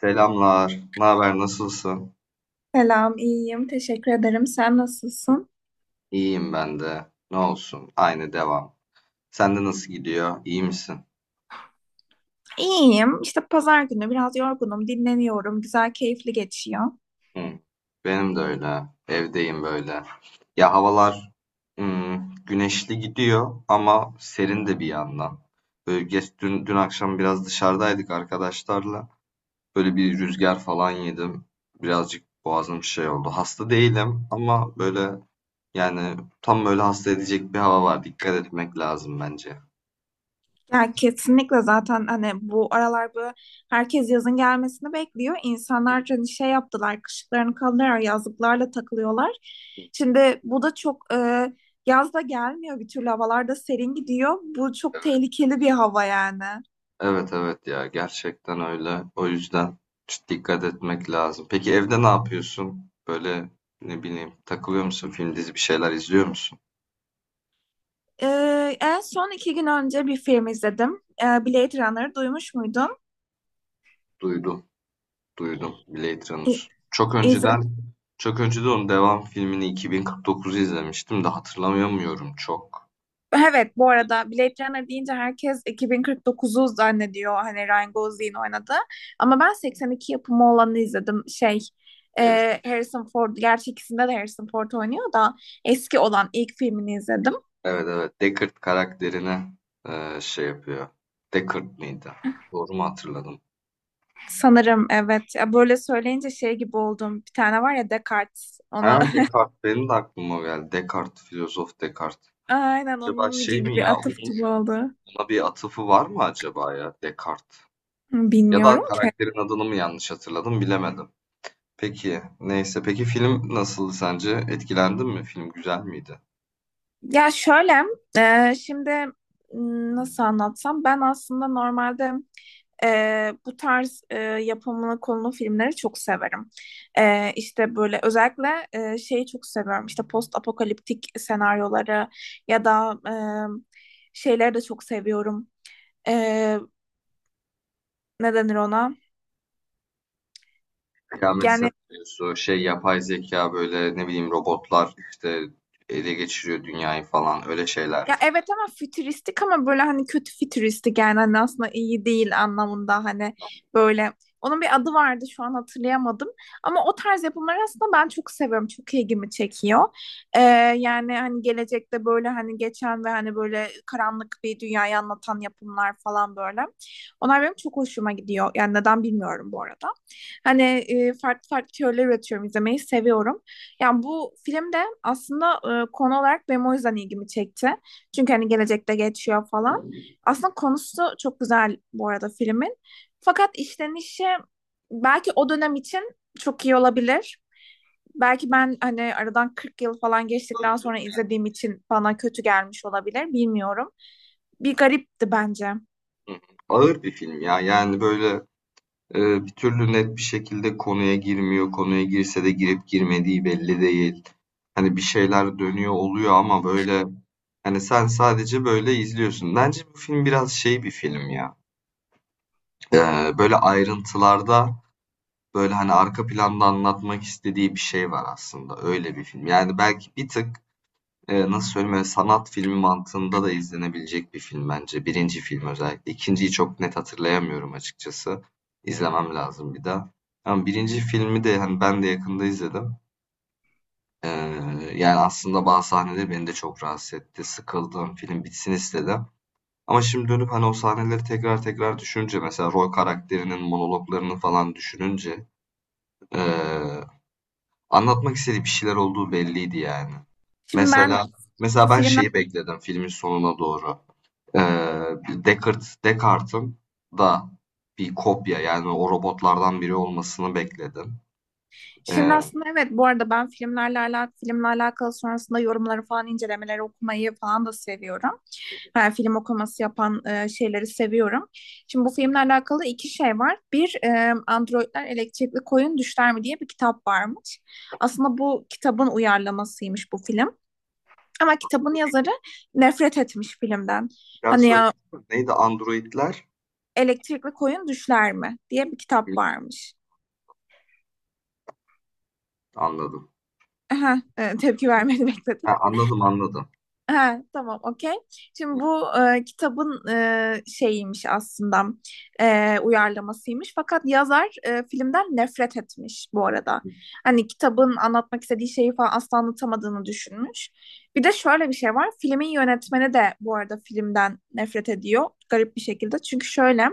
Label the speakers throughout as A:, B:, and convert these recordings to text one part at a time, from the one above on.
A: Selamlar. Ne haber? Nasılsın?
B: Selam, iyiyim. Teşekkür ederim. Sen nasılsın?
A: İyiyim ben de. Ne olsun? Aynı devam. Sende nasıl gidiyor? İyi misin?
B: İyiyim. İşte pazar günü biraz yorgunum, dinleniyorum. Güzel, keyifli geçiyor.
A: Hı. Benim de öyle. Evdeyim böyle. Ya havalar güneşli gidiyor ama serin de bir yandan. Böyle geç, dün akşam biraz dışarıdaydık arkadaşlarla. Böyle bir rüzgar falan yedim. Birazcık boğazım şey oldu. Hasta değilim ama böyle yani tam böyle hasta edecek bir hava var. Dikkat etmek lazım bence.
B: Ya kesinlikle zaten hani bu aralar bu herkes yazın gelmesini bekliyor. İnsanlar hani şey yaptılar, kışlıklarını kaldırarak yazlıklarla takılıyorlar. Şimdi bu da çok yaz da gelmiyor bir türlü havalarda serin gidiyor. Bu çok tehlikeli bir hava yani.
A: Evet, evet, ya gerçekten öyle. O yüzden çok dikkat etmek lazım. Peki evde ne yapıyorsun? Böyle ne bileyim takılıyor musun? Film dizi bir şeyler izliyor musun?
B: En son 2 gün önce bir film izledim. Blade Runner'ı duymuş muydun?
A: Duydum, duydum Blade
B: İ-
A: Runner. Çok
B: İzledim.
A: önceden çok önceden onun devam filmini 2049'u izlemiştim de hatırlamıyorum çok.
B: Evet, bu arada Blade Runner deyince herkes 2049'u zannediyor. Hani Ryan Gosling'in oynadı. Ama ben 82 yapımı olanı izledim. Şey,
A: Harrison-
B: Harrison Ford, gerçi ikisinde de Harrison Ford oynuyor da eski olan ilk filmini izledim.
A: Evet, evet, Deckard karakterine şey yapıyor. Deckard mıydı? Doğru mu hatırladım?
B: Sanırım evet. Ya böyle söyleyince şey gibi oldum. Bir tane var ya Descartes.
A: Ha,
B: Ona
A: Descartes benim de aklıma o geldi. Descartes, filozof Descartes.
B: aynen
A: Acaba
B: onun
A: şey
B: gibi
A: mi
B: bir
A: ya?
B: atıf gibi oldu.
A: Buna bir atıfı var mı acaba ya Descartes? Ya da
B: Bilmiyorum.
A: karakterin adını mı yanlış hatırladım bilemedim. Peki neyse peki film nasıldı sence? Etkilendin mi? Film güzel miydi?
B: Ya şöyle, şimdi nasıl anlatsam ben aslında normalde bu tarz yapımını konulu filmleri çok severim. İşte böyle özellikle şeyi çok seviyorum. İşte post apokaliptik senaryoları ya da şeyleri de çok seviyorum. E, ne denir ona?
A: Kıyamet
B: Yani
A: senaryosu, şey yapay zeka böyle ne bileyim robotlar işte ele geçiriyor dünyayı falan öyle şeyler
B: ya
A: mi?
B: evet ama fütüristik ama böyle hani kötü fütüristik yani hani aslında iyi değil anlamında hani böyle onun bir adı vardı şu an hatırlayamadım ama o tarz yapımları aslında ben çok seviyorum çok ilgimi çekiyor. Ee, yani hani gelecekte böyle hani geçen ve hani böyle karanlık bir dünyayı anlatan yapımlar falan böyle onlar benim çok hoşuma gidiyor yani neden bilmiyorum bu arada hani farklı farklı teoriler üretiyorum izlemeyi seviyorum yani bu film de aslında konu olarak benim o yüzden ilgimi çekti çünkü hani gelecekte geçiyor falan. Aslında konusu çok güzel bu arada filmin. Fakat işlenişi belki o dönem için çok iyi olabilir. Belki ben hani aradan 40 yıl falan geçtikten
A: Ağır değil
B: sonra
A: mi?
B: izlediğim için bana kötü gelmiş olabilir. Bilmiyorum. Bir garipti bence.
A: Hı hı. Ağır bir film ya yani böyle. Bir türlü net bir şekilde konuya girmiyor. Konuya girse de girip girmediği belli değil. Hani bir şeyler dönüyor oluyor ama böyle hani sen sadece böyle izliyorsun. Bence bu film biraz şey bir film ya. Böyle ayrıntılarda böyle hani arka planda anlatmak istediği bir şey var aslında. Öyle bir film. Yani belki bir tık. Nasıl söyleyeyim, böyle sanat filmi mantığında da izlenebilecek bir film bence. Birinci film özellikle. 2.'yi çok net hatırlayamıyorum açıkçası. İzlemem lazım bir daha. Ama birinci filmi de hani ben de yakında izledim. Eee, Yani aslında bazı sahneler beni de çok rahatsız etti. Sıkıldım, film bitsin istedim. Ama şimdi dönüp hani o sahneleri tekrar tekrar düşününce mesela rol karakterinin monologlarını falan düşününce eee anlatmak istediği bir şeyler olduğu belliydi yani.
B: Şimdi ben
A: Mesela mesela ben
B: filmler
A: şeyi bekledim filmin sonuna doğru. Ee, Deckard'ın da bir kopya yani o robotlardan biri olmasını bekledim.
B: şimdi
A: Ee,
B: aslında evet bu arada ben filmlerle alakalı filmle alakalı sonrasında yorumları falan incelemeleri okumayı falan da seviyorum. Ben film okuması yapan şeyleri seviyorum. Şimdi bu filmle alakalı iki şey var. Bir, Androidler Elektrikli Koyun Düşler mi diye bir kitap varmış. Aslında bu kitabın uyarlamasıymış bu film. Ama kitabın yazarı nefret etmiş filmden.
A: Biraz
B: Hani
A: söyle
B: ya
A: neydi androidler?
B: Elektrikli Koyun Düşler mi diye bir
A: Hı,
B: kitap varmış.
A: anladım.
B: Aha, tepki vermeni bekledim.
A: Ha, anladım, anladım.
B: Ha, tamam okey. Şimdi
A: Hı,
B: bu kitabın şeyiymiş aslında uyarlamasıymış. Fakat yazar filmden nefret etmiş bu arada. Hani kitabın anlatmak istediği şeyi falan asla anlatamadığını düşünmüş. Bir de şöyle bir şey var. Filmin yönetmeni de bu arada filmden nefret ediyor. Garip bir şekilde. Çünkü şöyle.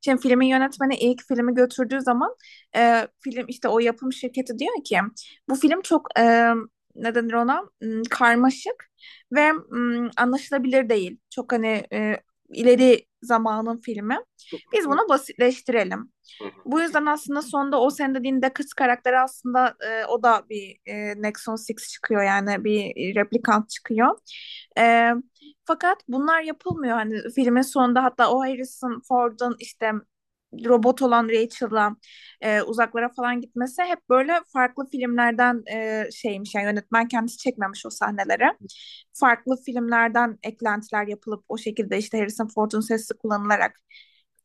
B: Şimdi filmin yönetmeni ilk filmi götürdüğü zaman film işte o yapım şirketi diyor ki bu film çok ne denir ona? Karmaşık ve anlaşılabilir değil. Çok hani ileri zamanın filmi. Biz
A: hı,
B: bunu basitleştirelim.
A: hı, hı,
B: Bu yüzden aslında sonda o senin dediğin de kız karakteri aslında o da bir Nexon 6 çıkıyor yani bir replikant çıkıyor. E, fakat bunlar yapılmıyor hani filmin sonunda hatta o Harrison Ford'un işte robot olan Rachel'la uzaklara falan gitmesi hep böyle farklı filmlerden şeymiş yani yönetmen kendisi çekmemiş o sahneleri farklı filmlerden eklentiler yapılıp o şekilde işte Harrison Ford'un sesi kullanılarak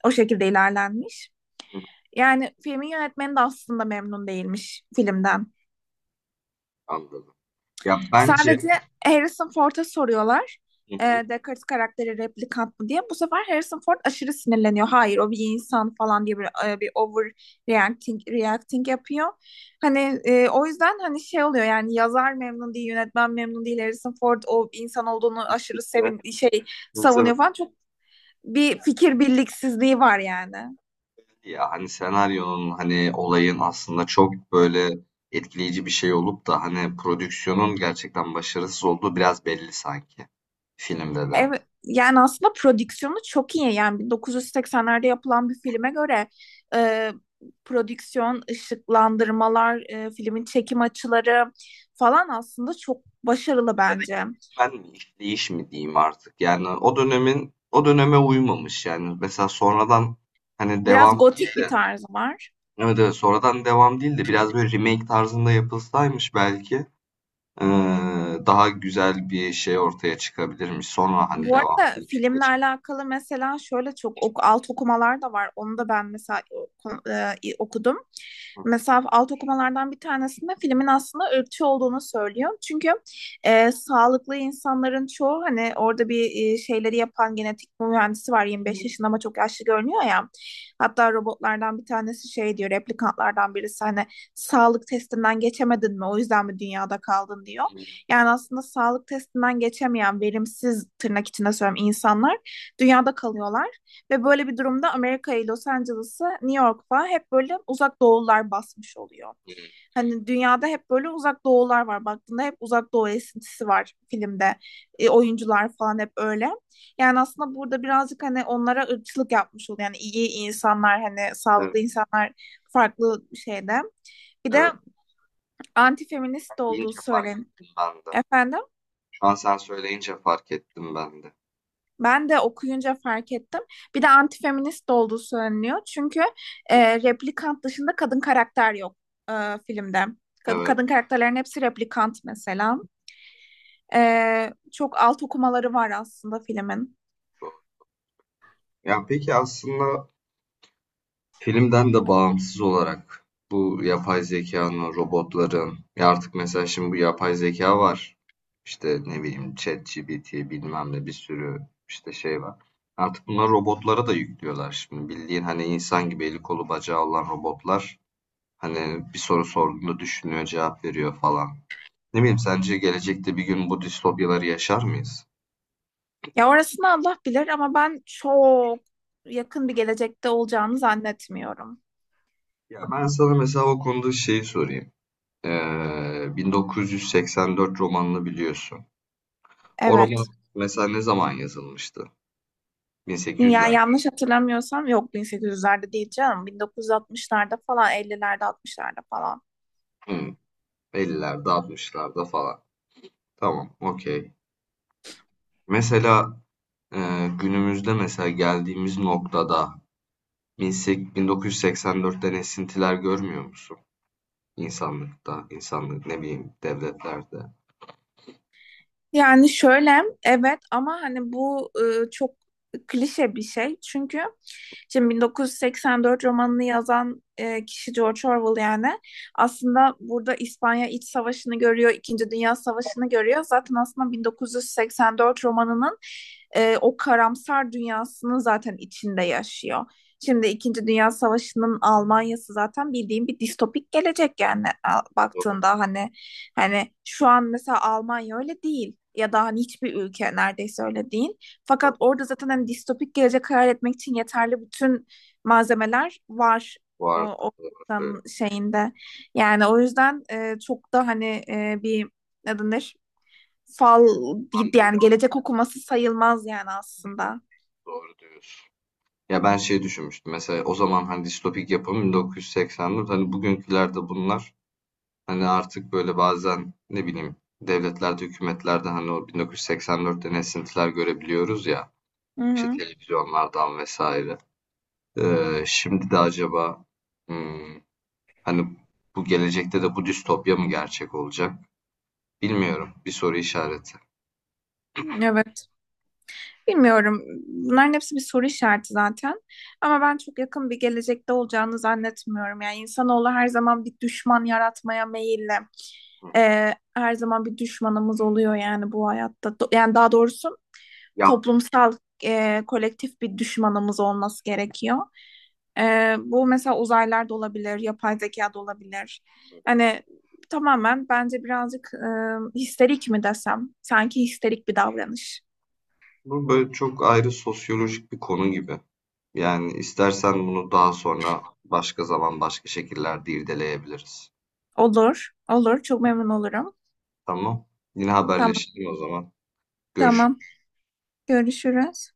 B: o şekilde ilerlenmiş.
A: hı,
B: Yani filmin yönetmeni de aslında memnun değilmiş filmden.
A: anladım. Ya
B: Sadece
A: bence.
B: Harrison Ford'a soruyorlar.
A: Hı hı.
B: Descartes karakteri replikant mı diye. Bu sefer Harrison Ford aşırı sinirleniyor. Hayır o bir insan falan diye bir, bir over reacting yapıyor. Hani o yüzden hani şey oluyor yani yazar memnun değil, yönetmen memnun değil. Harrison Ford o insan olduğunu aşırı
A: Ne-
B: sevin şey savunuyor falan. Çok bir fikir birliksizliği var yani.
A: Ya, hani, senaryonun, hani, olayın aslında çok, böyle, etkileyici bir şey olup da, hani, prodüksiyonun gerçekten başarısız olduğu biraz belli sanki filmde de.
B: Evet, yani aslında prodüksiyonu çok iyi. Yani 1980'lerde yapılan bir filme göre e, prodüksiyon, ışıklandırmalar, filmin çekim açıları falan aslında çok başarılı
A: Ya da
B: bence.
A: ben mi, işleyiş mi diyeyim artık. Yani o dönemin o döneme uymamış. Yani mesela sonradan, hani,
B: Biraz
A: devam değil
B: gotik bir
A: de
B: tarzı var.
A: evet, evet, sonradan devam değil de biraz, böyle, remake tarzında yapılsaymış belki, daha güzel bir şey ortaya çıkabilirmiş. Sonra, hani,
B: Bu
A: devam
B: arada
A: filmine
B: filmle
A: geçebilirmiş.
B: alakalı mesela şöyle çok ok alt okumalar da var. Onu da ben mesela okudum.
A: Hı.
B: Mesela alt okumalardan bir tanesinde filmin aslında ırkçı olduğunu söylüyor. Çünkü sağlıklı insanların çoğu hani orada bir şeyleri yapan genetik mühendisi var 25 yaşında ama çok yaşlı görünüyor ya. Hatta robotlardan bir tanesi şey diyor replikantlardan birisi hani sağlık testinden geçemedin mi o yüzden mi dünyada kaldın diyor. Yani
A: Evet.
B: aslında sağlık testinden geçemeyen verimsiz tırnak içinde söylüyorum insanlar dünyada kalıyorlar. Ve böyle bir durumda Amerika'yı, Los Angeles'ı, New York'la hep böyle uzak doğular basmış oluyor.
A: Hı hı. Evet. Evet,
B: Hani dünyada hep böyle uzak doğular var. Baktığında hep uzak doğu esintisi var filmde. Oyuncular falan hep öyle. Yani aslında burada birazcık hani onlara ırkçılık yapmış oluyor. Yani iyi insanlar hani
A: evet.
B: sağlıklı insanlar farklı şeyde. Bir de
A: Evet,
B: antifeminist olduğu
A: deyince fark
B: söylen.
A: ettim ben de.
B: Efendim?
A: Şu an sen söyleyince fark ettim ben de.
B: Ben de okuyunca fark ettim. Bir de antifeminist de olduğu söyleniyor. Çünkü replikant dışında kadın karakter yok e, filmde.
A: Evet,
B: Kadın karakterlerin hepsi replikant mesela. Çok alt okumaları var aslında filmin.
A: doğru. Ya peki aslında filmden de bağımsız olarak bu yapay zekanın, robotların, ya artık mesela şimdi bu yapay zeka var. İşte ne bileyim ChatGPT bilmem ne bir sürü işte şey var. Artık bunlar robotlara da yüklüyorlar şimdi. Bildiğin hani insan gibi eli kolu bacağı olan robotlar hani bir soru sorduğunda düşünüyor, cevap veriyor falan. Ne bileyim sence gelecekte bir gün bu distopyaları yaşar mıyız?
B: Ya orasını Allah bilir ama ben çok yakın bir gelecekte olacağını zannetmiyorum.
A: Ya ben sana mesela o konuda şeyi sorayım. 1984 romanını biliyorsun. O roman
B: Evet.
A: mesela ne zaman yazılmıştı?
B: Ya
A: 1800'lerde,
B: yanlış hatırlamıyorsam yok 1800'lerde değil canım. 1960'larda falan, 50'lerde, 60'larda falan.
A: hmm, 50'lerde, 60'larda falan. Tamam, okey. Mesela e, günümüzde mesela geldiğimiz noktada 1984'ten esintiler görmüyor musun? İnsanlıkta, insanlık ne bileyim devletlerde.
B: Yani şöyle evet ama hani bu çok klişe bir şey. Çünkü şimdi 1984 romanını yazan kişi George Orwell yani aslında burada İspanya İç Savaşı'nı görüyor, İkinci Dünya Savaşı'nı görüyor. Zaten aslında 1984 romanının o karamsar dünyasını zaten içinde yaşıyor. Şimdi İkinci Dünya Savaşı'nın Almanya'sı zaten bildiğim bir distopik gelecek yani
A: Bu arada,
B: baktığında hani hani şu an mesela Almanya öyle değil ya da hani hiçbir ülke neredeyse öyle değil. Fakat orada zaten hani distopik gelecek hayal etmek için yeterli bütün malzemeler var
A: bu
B: o,
A: arada,
B: o
A: doğru
B: insanın şeyinde. Yani o yüzden çok da hani bir ne denir? Fal yani
A: söylüyorum.
B: gelecek okuması sayılmaz yani aslında.
A: Doğru diyorsun. Ya ben şey düşünmüştüm. Mesela o zaman hani distopik yapım 1980'de hani bugünkülerde bunlar hani artık böyle bazen ne bileyim devletlerde, hükümetlerde hani o 1984'ten esintiler görebiliyoruz ya.
B: Hı
A: İşte
B: hı.
A: televizyonlardan vesaire. Şimdi de acaba hmm, hani bu gelecekte de bu distopya mı gerçek olacak? Bilmiyorum. Bir soru işareti.
B: Evet. Bilmiyorum. Bunların hepsi bir soru işareti zaten. Ama ben çok yakın bir gelecekte olacağını zannetmiyorum. Yani insanoğlu her zaman bir düşman yaratmaya meyilli. Her zaman bir düşmanımız oluyor yani bu hayatta. Yani daha doğrusu
A: Ya
B: toplumsal, kolektif bir düşmanımız olması gerekiyor. Bu mesela uzaylılar da olabilir, yapay zeka da olabilir. Hani tamamen bence birazcık histerik mi desem? Sanki histerik bir davranış.
A: bu böyle çok ayrı sosyolojik bir konu gibi. Yani istersen bunu daha sonra başka zaman başka şekillerde irdeleyebiliriz.
B: Olur, olur. Çok memnun olurum.
A: Tamam. Yine
B: Tamam,
A: haberleşelim o zaman.
B: tamam.
A: Görüşürüz.
B: Görüşürüz.